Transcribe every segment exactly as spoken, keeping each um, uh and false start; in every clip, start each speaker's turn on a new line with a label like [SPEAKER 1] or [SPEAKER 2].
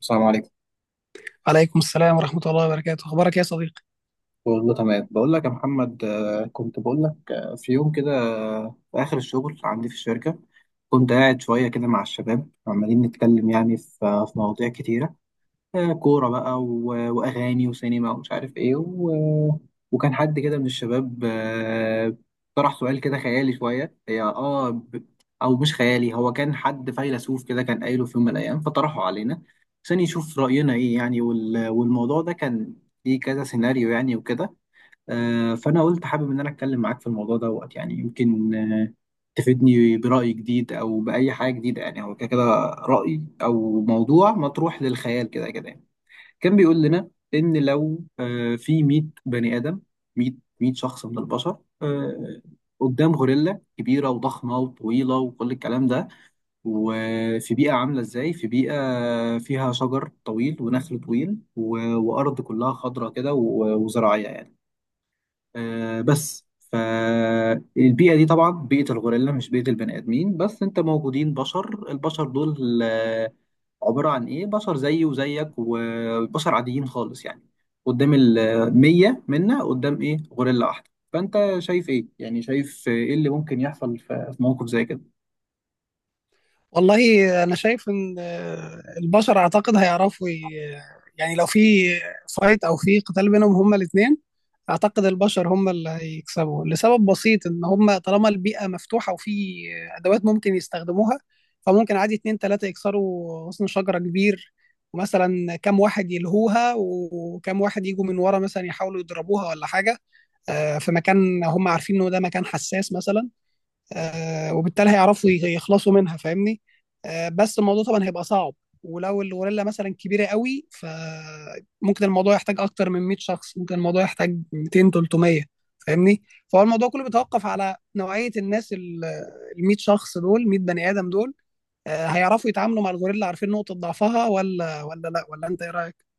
[SPEAKER 1] السلام عليكم.
[SPEAKER 2] عليكم السلام ورحمة الله وبركاته، أخبارك يا صديقي؟
[SPEAKER 1] والله تمام. بقول لك يا محمد، آه، كنت بقول لك آه، في يوم كده، آه، في آخر الشغل عندي في الشركة. كنت قاعد شوية كده مع الشباب عمالين نتكلم يعني في آه، في مواضيع كتيرة. آه، كورة بقى و- وأغاني وسينما ومش عارف إيه و... وكان حد كده من الشباب، آه، طرح سؤال كده خيالي شوية. هي آه ب... أو مش خيالي، هو كان حد فيلسوف كده كان قايله في يوم من الأيام، فطرحه علينا عشان يشوف رأينا إيه يعني. وال... والموضوع ده كان ليه كذا سيناريو يعني وكده. آه، فأنا قلت حابب إن أنا أتكلم معاك في الموضوع دوت، يعني يمكن آه، تفيدني برأي جديد أو بأي حاجة جديدة، يعني هو كده كده، رأي أو موضوع مطروح للخيال كده كده يعني. كان بيقول لنا ان لو، آه، في ميت بني ادم، ميت، ميت شخص من البشر، آه، قدام غوريلا كبيره وضخمه وطويله وكل الكلام ده، وفي بيئه عامله ازاي، في بيئه فيها شجر طويل ونخل طويل و- وارض كلها خضراء كده و- وزراعيه يعني، آه بس. فالبيئة دي طبعا بيئة الغوريلا، مش بيئة البني آدمين، بس انت موجودين بشر، البشر دول آه، عبارة عن ايه، بشر زيي وزيك وبشر عاديين خالص يعني. قدام المية منا، قدام ايه، غوريلا واحدة، فانت شايف ايه يعني، شايف ايه اللي ممكن يحصل في في موقف زي كده؟
[SPEAKER 2] والله، أنا شايف إن آه، البشر أعتقد هيعرفوا ي- يعني لو في فايت أو في قتال بينهم هما الاتنين، أعتقد البشر هما اللي هيكسبوا، لسبب بسيط إن هما طالما البيئة مفتوحة وفي أدوات ممكن يستخدموها، فممكن عادي اتنين تلاتة يكسروا غصن شجرة كبير، ومثلا كام واحد يلهوها وكام واحد يجوا من ورا مثلا يحاولوا يضربوها ولا حاجة. آه، في مكان هم عارفين إنه ده مكان حساس مثلا. آه، وبالتالي هيعرفوا ي- يخلصوا منها، فاهمني. آه، بس الموضوع طبعا هيبقى صعب، ولو الغوريلا مثلا كبيره قوي فممكن الموضوع يحتاج اكتر من 100 شخص، ممكن الموضوع يحتاج مئتين، تلت ميه، فاهمني. فهو الموضوع كله بيتوقف على نوعيه الناس، ال ال 100 شخص دول، مية بني آدم بني ادم دول، آه، هيعرفوا يتعاملوا مع الغوريلا، عارفين نقطه ضعفها ولا ولا لا، ولا انت ايه رايك؟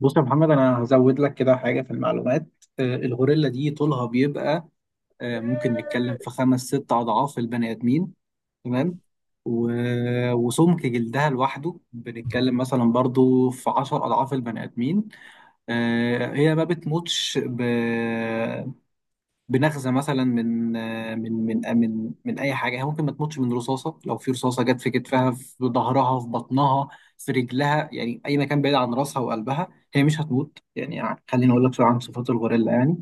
[SPEAKER 1] بص يا محمد، انا هزود لك كده حاجة في المعلومات. آه، الغوريلا دي طولها بيبقى آه، ممكن نتكلم في خمس ست أضعاف البني آدمين، تمام. و- وسمك جلدها لوحده بنتكلم مثلا برضو في عشر أضعاف البني آدمين. آه، هي ما بتموتش ب... بنغزه مثلا من من من من من اي حاجه. هي ممكن ما تموتش من رصاصه، لو في رصاصه جت في كتفها، في ظهرها، في بطنها، في رجلها، يعني اي مكان بعيد عن راسها وقلبها، هي مش هتموت. يعني خليني اقول لك شويه عن صفات الغوريلا يعني.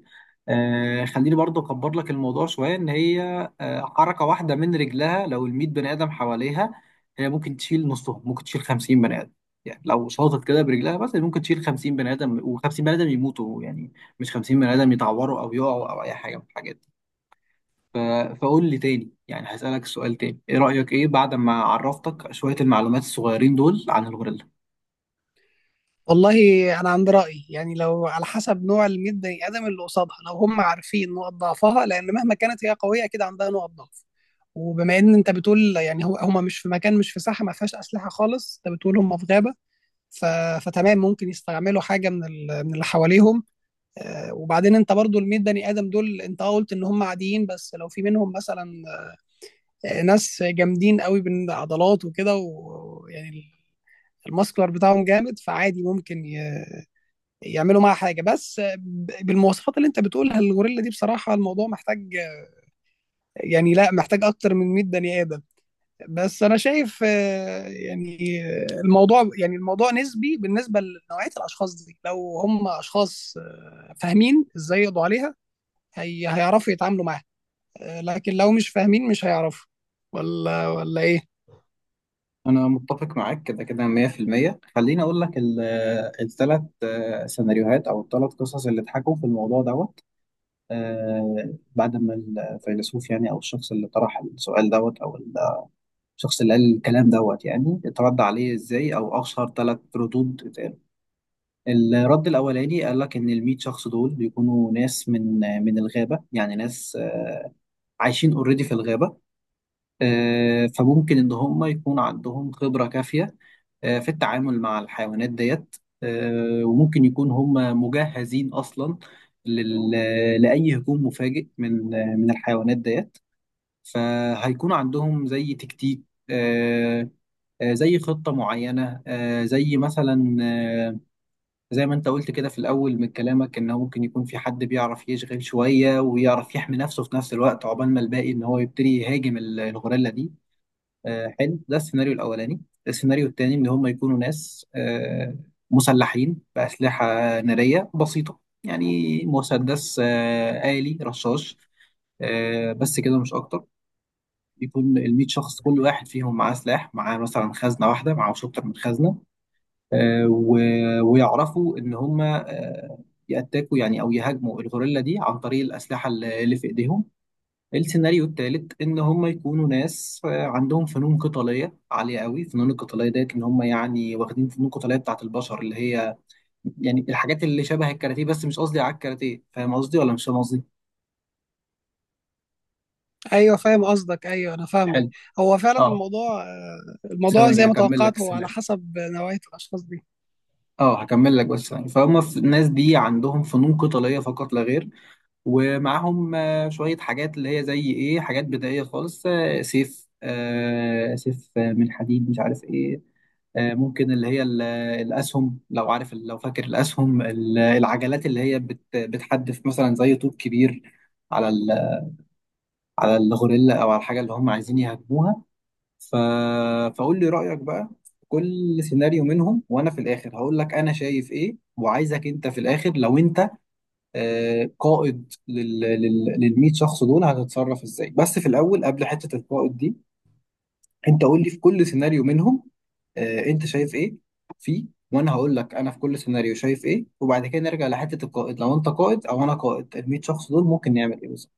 [SPEAKER 1] آه خليني برضو اكبر لك الموضوع شويه، ان هي آه حركه واحده من رجلها لو ال ميت بني ادم حواليها، هي ممكن تشيل نصهم، ممكن تشيل خمسين بني ادم. يعني لو شاطت كده برجلها بس، ممكن تشيل خمسين بني ادم و50 بني ادم يموتوا يعني، مش خمسين بني آدم يتعوروا أو يقعوا أو أي حاجة من الحاجات دي. ف... فقول لي تاني يعني، هسألك السؤال تاني، إيه رأيك إيه بعد ما عرفتك شوية المعلومات الصغيرين دول عن الغوريلا؟
[SPEAKER 2] والله، انا عندي راي، يعني لو على حسب نوع ال مية بني آدم بني ادم اللي قصادها، لو هم عارفين نقط ضعفها، لان مهما كانت هي قويه اكيد عندها نقط ضعف. وبما ان انت بتقول يعني هو هم مش في مكان، مش في ساحه ما فيهاش اسلحه خالص، انت بتقول هم في غابه. ف... فتمام، ممكن يستعملوا حاجه من ال... من اللي حواليهم. آه، وبعدين انت برضو ال مية بني آدم بني ادم دول، انت اه قلت ان هم عاديين، بس لو في منهم مثلا آه، ناس جامدين قوي بالعضلات وكده، ويعني الماسكولار بتاعهم جامد، فعادي ممكن يعملوا معاها حاجه، بس ب- بالمواصفات اللي انت بتقولها الغوريلا دي، بصراحه الموضوع محتاج، يعني لا، محتاج اكتر من مية بني آدم بني ادم. بس انا شايف، آه، يعني آه، الموضوع، يعني الموضوع نسبي بالنسبه لنوعيه الاشخاص دي، لو هم اشخاص آه، فاهمين ازاي يقضوا عليها، هي هيعرفوا يتعاملوا معاها. آه، لكن لو مش فاهمين مش هيعرفوا ولا ولا ايه؟
[SPEAKER 1] أنا متفق معاك كده كده مية في المية. خليني أقول لك الثلاث سيناريوهات أو الثلاث قصص اللي اتحكوا في الموضوع دوت. آه، بعد ما الفيلسوف يعني، أو الشخص اللي طرح السؤال دوت، أو ال- الشخص اللي قال الكلام دوت، يعني اترد عليه إزاي، أو أشهر ثلاث ردود. الرد الأولاني قال لك إن الميت شخص دول بيكونوا ناس من من الغابة، يعني ناس آه، عايشين اوريدي في الغابة. آه، فممكن إن هم يكون عندهم خبرة كافية آه، في التعامل مع الحيوانات ديت. آه، وممكن يكون هم مجهزين أصلا لل- لأي هجوم مفاجئ من آه، من الحيوانات ديت. فهيكون عندهم زي تكتيك، آه، آه، زي خطة معينة، آه، زي مثلا آه، زي ما انت قلت كده في الاول من كلامك، ان هو ممكن يكون في حد بيعرف يشغل شويه ويعرف يحمي نفسه في نفس الوقت، عقبال ما الباقي ان هو يبتدي يهاجم ال- الغوريلا دي. آه حلو، ده السيناريو الاولاني. السيناريو الثاني ان هم يكونوا ناس آه مسلحين باسلحه ناريه بسيطه، يعني مسدس آه آلي رشاش، آه بس كده مش اكتر. يكون ال ميت شخص كل واحد فيهم معاه سلاح، معاه مثلا خزنه واحده، معهوش اكتر من خزنه. آه، و- ويعرفوا ان هم آه، يأتاكوا يعني، او يهاجموا الغوريلا دي عن طريق الاسلحه اللي اللي في ايديهم. السيناريو الثالث ان هم يكونوا ناس آه، عندهم فنون قتاليه عاليه قوي، فنون القتاليه ديت ان هم يعني واخدين فنون قتاليه بتاعت البشر، اللي هي يعني الحاجات اللي شبه الكاراتيه، بس مش قصدي على الكاراتيه، فاهم قصدي ولا مش فاهم قصدي؟
[SPEAKER 2] ايوه فاهم قصدك، ايوه انا فاهمك.
[SPEAKER 1] حلو.
[SPEAKER 2] هو فعلا
[SPEAKER 1] اه
[SPEAKER 2] الموضوع، آه، الموضوع
[SPEAKER 1] ثواني
[SPEAKER 2] زي ما
[SPEAKER 1] هكمل لك
[SPEAKER 2] توقعت، هو على
[SPEAKER 1] السيناريو.
[SPEAKER 2] حسب نوعيه الاشخاص دي.
[SPEAKER 1] اه هكمل لك بس ثواني. فهم في- الناس دي عندهم فنون قتاليه فقط لا غير، ومعاهم آه، شوية حاجات اللي هي زي ايه، حاجات بدائية خالص، آه، سيف آه، سيف آه، من حديد، مش عارف ايه. آه، ممكن اللي هي ال- الأسهم، لو عارف لو فاكر، الأسهم ال- العجلات اللي هي بت- بتحدف مثلا زي طوب كبير على ال- على الغوريلا أو على الحاجة اللي هم عايزين يهاجموها. ف... فقول لي رأيك بقى في كل سيناريو منهم، وأنا في الآخر هقول لك أنا شايف ايه، وعايزك أنت في الآخر لو أنت آه، قائد لل لل لل ميت شخص دول، هتتصرف ازاي؟ بس في الاول، قبل حته القائد دي، انت قول لي في كل سيناريو منهم آه، انت شايف ايه فيه، وانا هقول لك انا في كل سيناريو شايف ايه. وبعد كده نرجع لحته القائد، لو انت قائد او انا قائد ال مية شخص دول ممكن نعمل ايه بالظبط.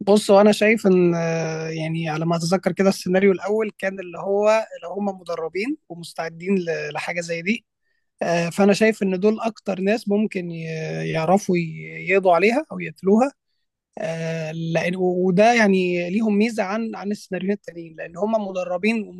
[SPEAKER 2] بص، وانا شايف ان آه، يعني على ما اتذكر كده، السيناريو الاول كان اللي هو لو هم مدربين ومستعدين ل- لحاجه زي دي. آه، فانا شايف ان دول اكتر ناس ممكن ي- يعرفوا ي- يقضوا عليها او يقتلوها، آه، لان وده يعني ليهم ميزه عن عن السيناريوهات التانيين، لان هم مدربين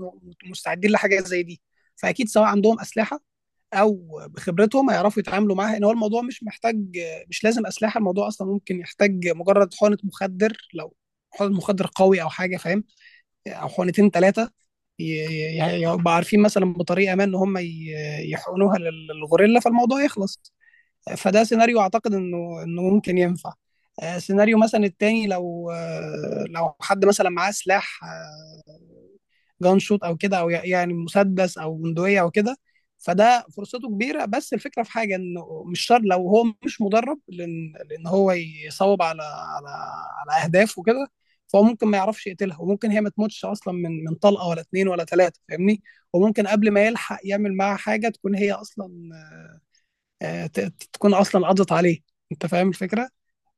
[SPEAKER 2] ومستعدين لحاجه زي دي. فاكيد سواء عندهم اسلحه او بخبرتهم هيعرفوا يتعاملوا معاها، ان هو الموضوع مش محتاج، مش لازم اسلحه. الموضوع اصلا ممكن يحتاج مجرد حقنه مخدر، لو حقنه مخدر قوي او حاجه، فاهم؟ او حقنتين ثلاثه، يبقى عارفين مثلا بطريقه ما ان هم ي- يحقنوها للغوريلا، فالموضوع يخلص. فده سيناريو اعتقد انه انه ممكن ينفع. آه، سيناريو مثلا التاني، لو آه، لو حد مثلا معاه سلاح جان شوت او كده، او يعني مسدس او بندقيه او كده، فده فرصته كبيره، بس الفكره في حاجه انه مش شرط لو هو مش مدرب، لان لان هو يصوب على على على اهداف وكده. فهو ممكن ما يعرفش يقتلها، وممكن هي ما تموتش اصلا من من طلقه ولا اتنين ولا تلاته، فاهمني. وممكن قبل ما يلحق يعمل معاها حاجه، تكون هي اصلا آه، ت- ت- تكون اصلا قضت عليه. انت فاهم الفكره؟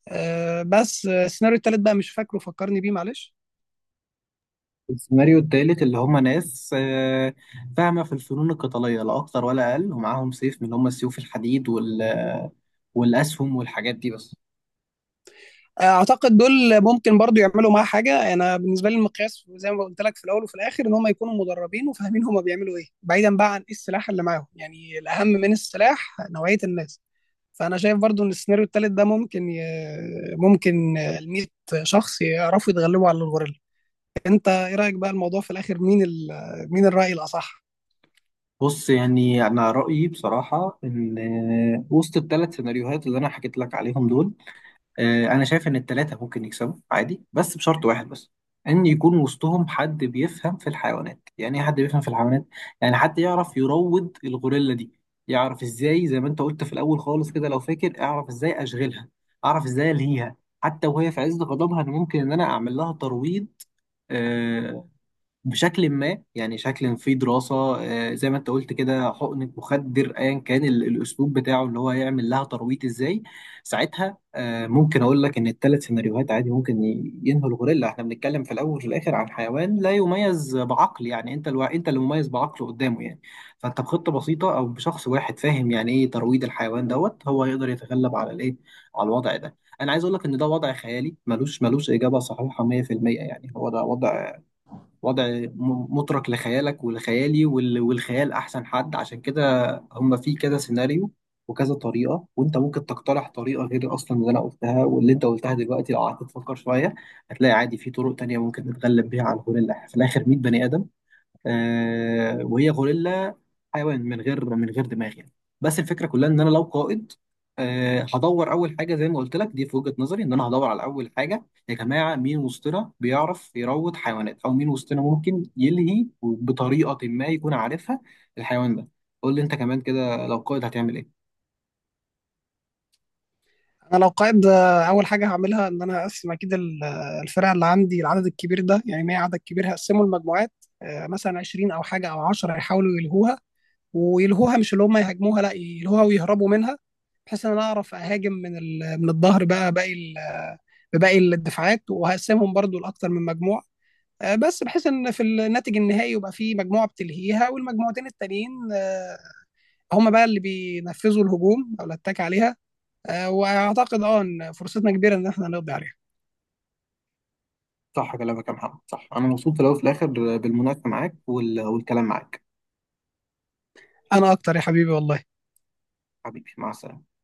[SPEAKER 2] آه، بس آه، السيناريو التالت بقى مش فاكره، فكرني بيه، معلش.
[SPEAKER 1] السيناريو التالت اللي هم ناس آه، فاهمه في الفنون القتاليه لا اكتر ولا اقل، ومعاهم سيف من اللي هم السيوف الحديد وال والاسهم والحاجات دي بس.
[SPEAKER 2] اعتقد دول ممكن برضو يعملوا معاه حاجه. انا بالنسبه لي المقياس زي ما قلت لك في الاول وفي الاخر، ان هم يكونوا مدربين وفاهمين هم بيعملوا ايه، بعيدا بقى عن ايه السلاح اللي معاهم، يعني الاهم من السلاح نوعيه الناس. فانا شايف برضو ان السيناريو الثالث ده ممكن ي... ممكن ال 100 شخص يعرفوا يتغلبوا على الغوريلا. انت ايه رايك بقى، الموضوع في الاخر مين ال... مين الراي الاصح؟
[SPEAKER 1] بص يعني انا رايي بصراحه، ان آه، وسط الثلاث سيناريوهات اللي انا حكيت لك عليهم دول، آه، انا شايف ان الثلاثه ممكن يكسبوا عادي، بس بشرط واحد بس، ان يكون وسطهم حد بيفهم في الحيوانات. يعني ايه حد بيفهم في الحيوانات؟ يعني حد يعرف يروض الغوريلا دي، يعرف ازاي، زي ما انت قلت في الاول خالص كده لو فاكر، اعرف ازاي اشغلها، اعرف ازاي الهيها، حتى وهي في عز غضبها، انا ممكن ان انا اعمل لها ترويض آه، بشكل ما، يعني شكل في دراسة، آه، زي ما انت قلت كده، حقنة مخدر، ايا كان ال- الاسلوب بتاعه اللي هو هيعمل لها ترويض ازاي. ساعتها آه، ممكن اقول لك ان الثلاث سيناريوهات عادي ممكن ي- ينهوا الغوريلا. احنا بنتكلم في الاول وفي الاخر عن حيوان لا يميز بعقل، يعني انت الو... انت اللي مميز بعقله قدامه يعني. فانت بخطة بسيطة او بشخص واحد فاهم يعني ايه ترويض الحيوان دوت، هو يقدر يتغلب على الايه، على الوضع ده. انا عايز اقول لك ان ده وضع خيالي، ملوش ملوش اجابة صحيحة مية في المية. يعني هو ده وضع، وضع م- مترك لخيالك ولخيالي وال- والخيال احسن حد، عشان كده هم في كذا سيناريو وكذا طريقه. وانت ممكن تقترح طريقه غير اصلا اللي انا قلتها واللي انت قلتها دلوقتي، لو قعدت تفكر شويه هتلاقي عادي في طرق تانية ممكن نتغلب بيها على الهول، اللي في الاخر ميت بني ادم، آه وهي غوريلا، حيوان من غير من غير دماغ يعني. بس الفكره كلها، ان انا لو قائد، آه هدور اول حاجه. زي ما قلت لك دي في وجهه نظري، ان انا هدور على اول حاجه، يا جماعه مين وسطنا بيعرف يروض حيوانات، او مين وسطنا ممكن يلهي بطريقه ما يكون عارفها الحيوان ده. قول لي انت كمان كده، لو قائد هتعمل ايه؟
[SPEAKER 2] انا لو قائد، آه، اول حاجه هعملها ان انا هقسم اكيد ال- آه، الفرق اللي عندي العدد الكبير ده، يعني مية عدد كبير، هقسمه لمجموعات، آه، مثلا عشرين او حاجه او عشر يحاولوا يلهوها، ويلهوها، مش اللي هم يهاجموها، لا يلهوها ويهربوا منها، بحيث ان انا اعرف اهاجم من ال- من الظهر، بقى باقي ال- آه، بباقي الدفاعات، وهقسمهم برضو لاكتر من مجموعه. آه، بس بحيث ان في الناتج النهائي يبقى في مجموعه بتلهيها، والمجموعتين التانيين آه، هم بقى اللي بينفذوا الهجوم او الاتاك عليها. آه، واعتقد اه ان فرصتنا كبيره ان احنا نقضي عليها.
[SPEAKER 1] صح كلامك يا محمد، صح. انا مبسوط في الاول وفي الاخر بالمناقشه معاك وال- والكلام معاك.
[SPEAKER 2] انا اكتر يا حبيبي، والله.
[SPEAKER 1] حبيبي، مع السلامه.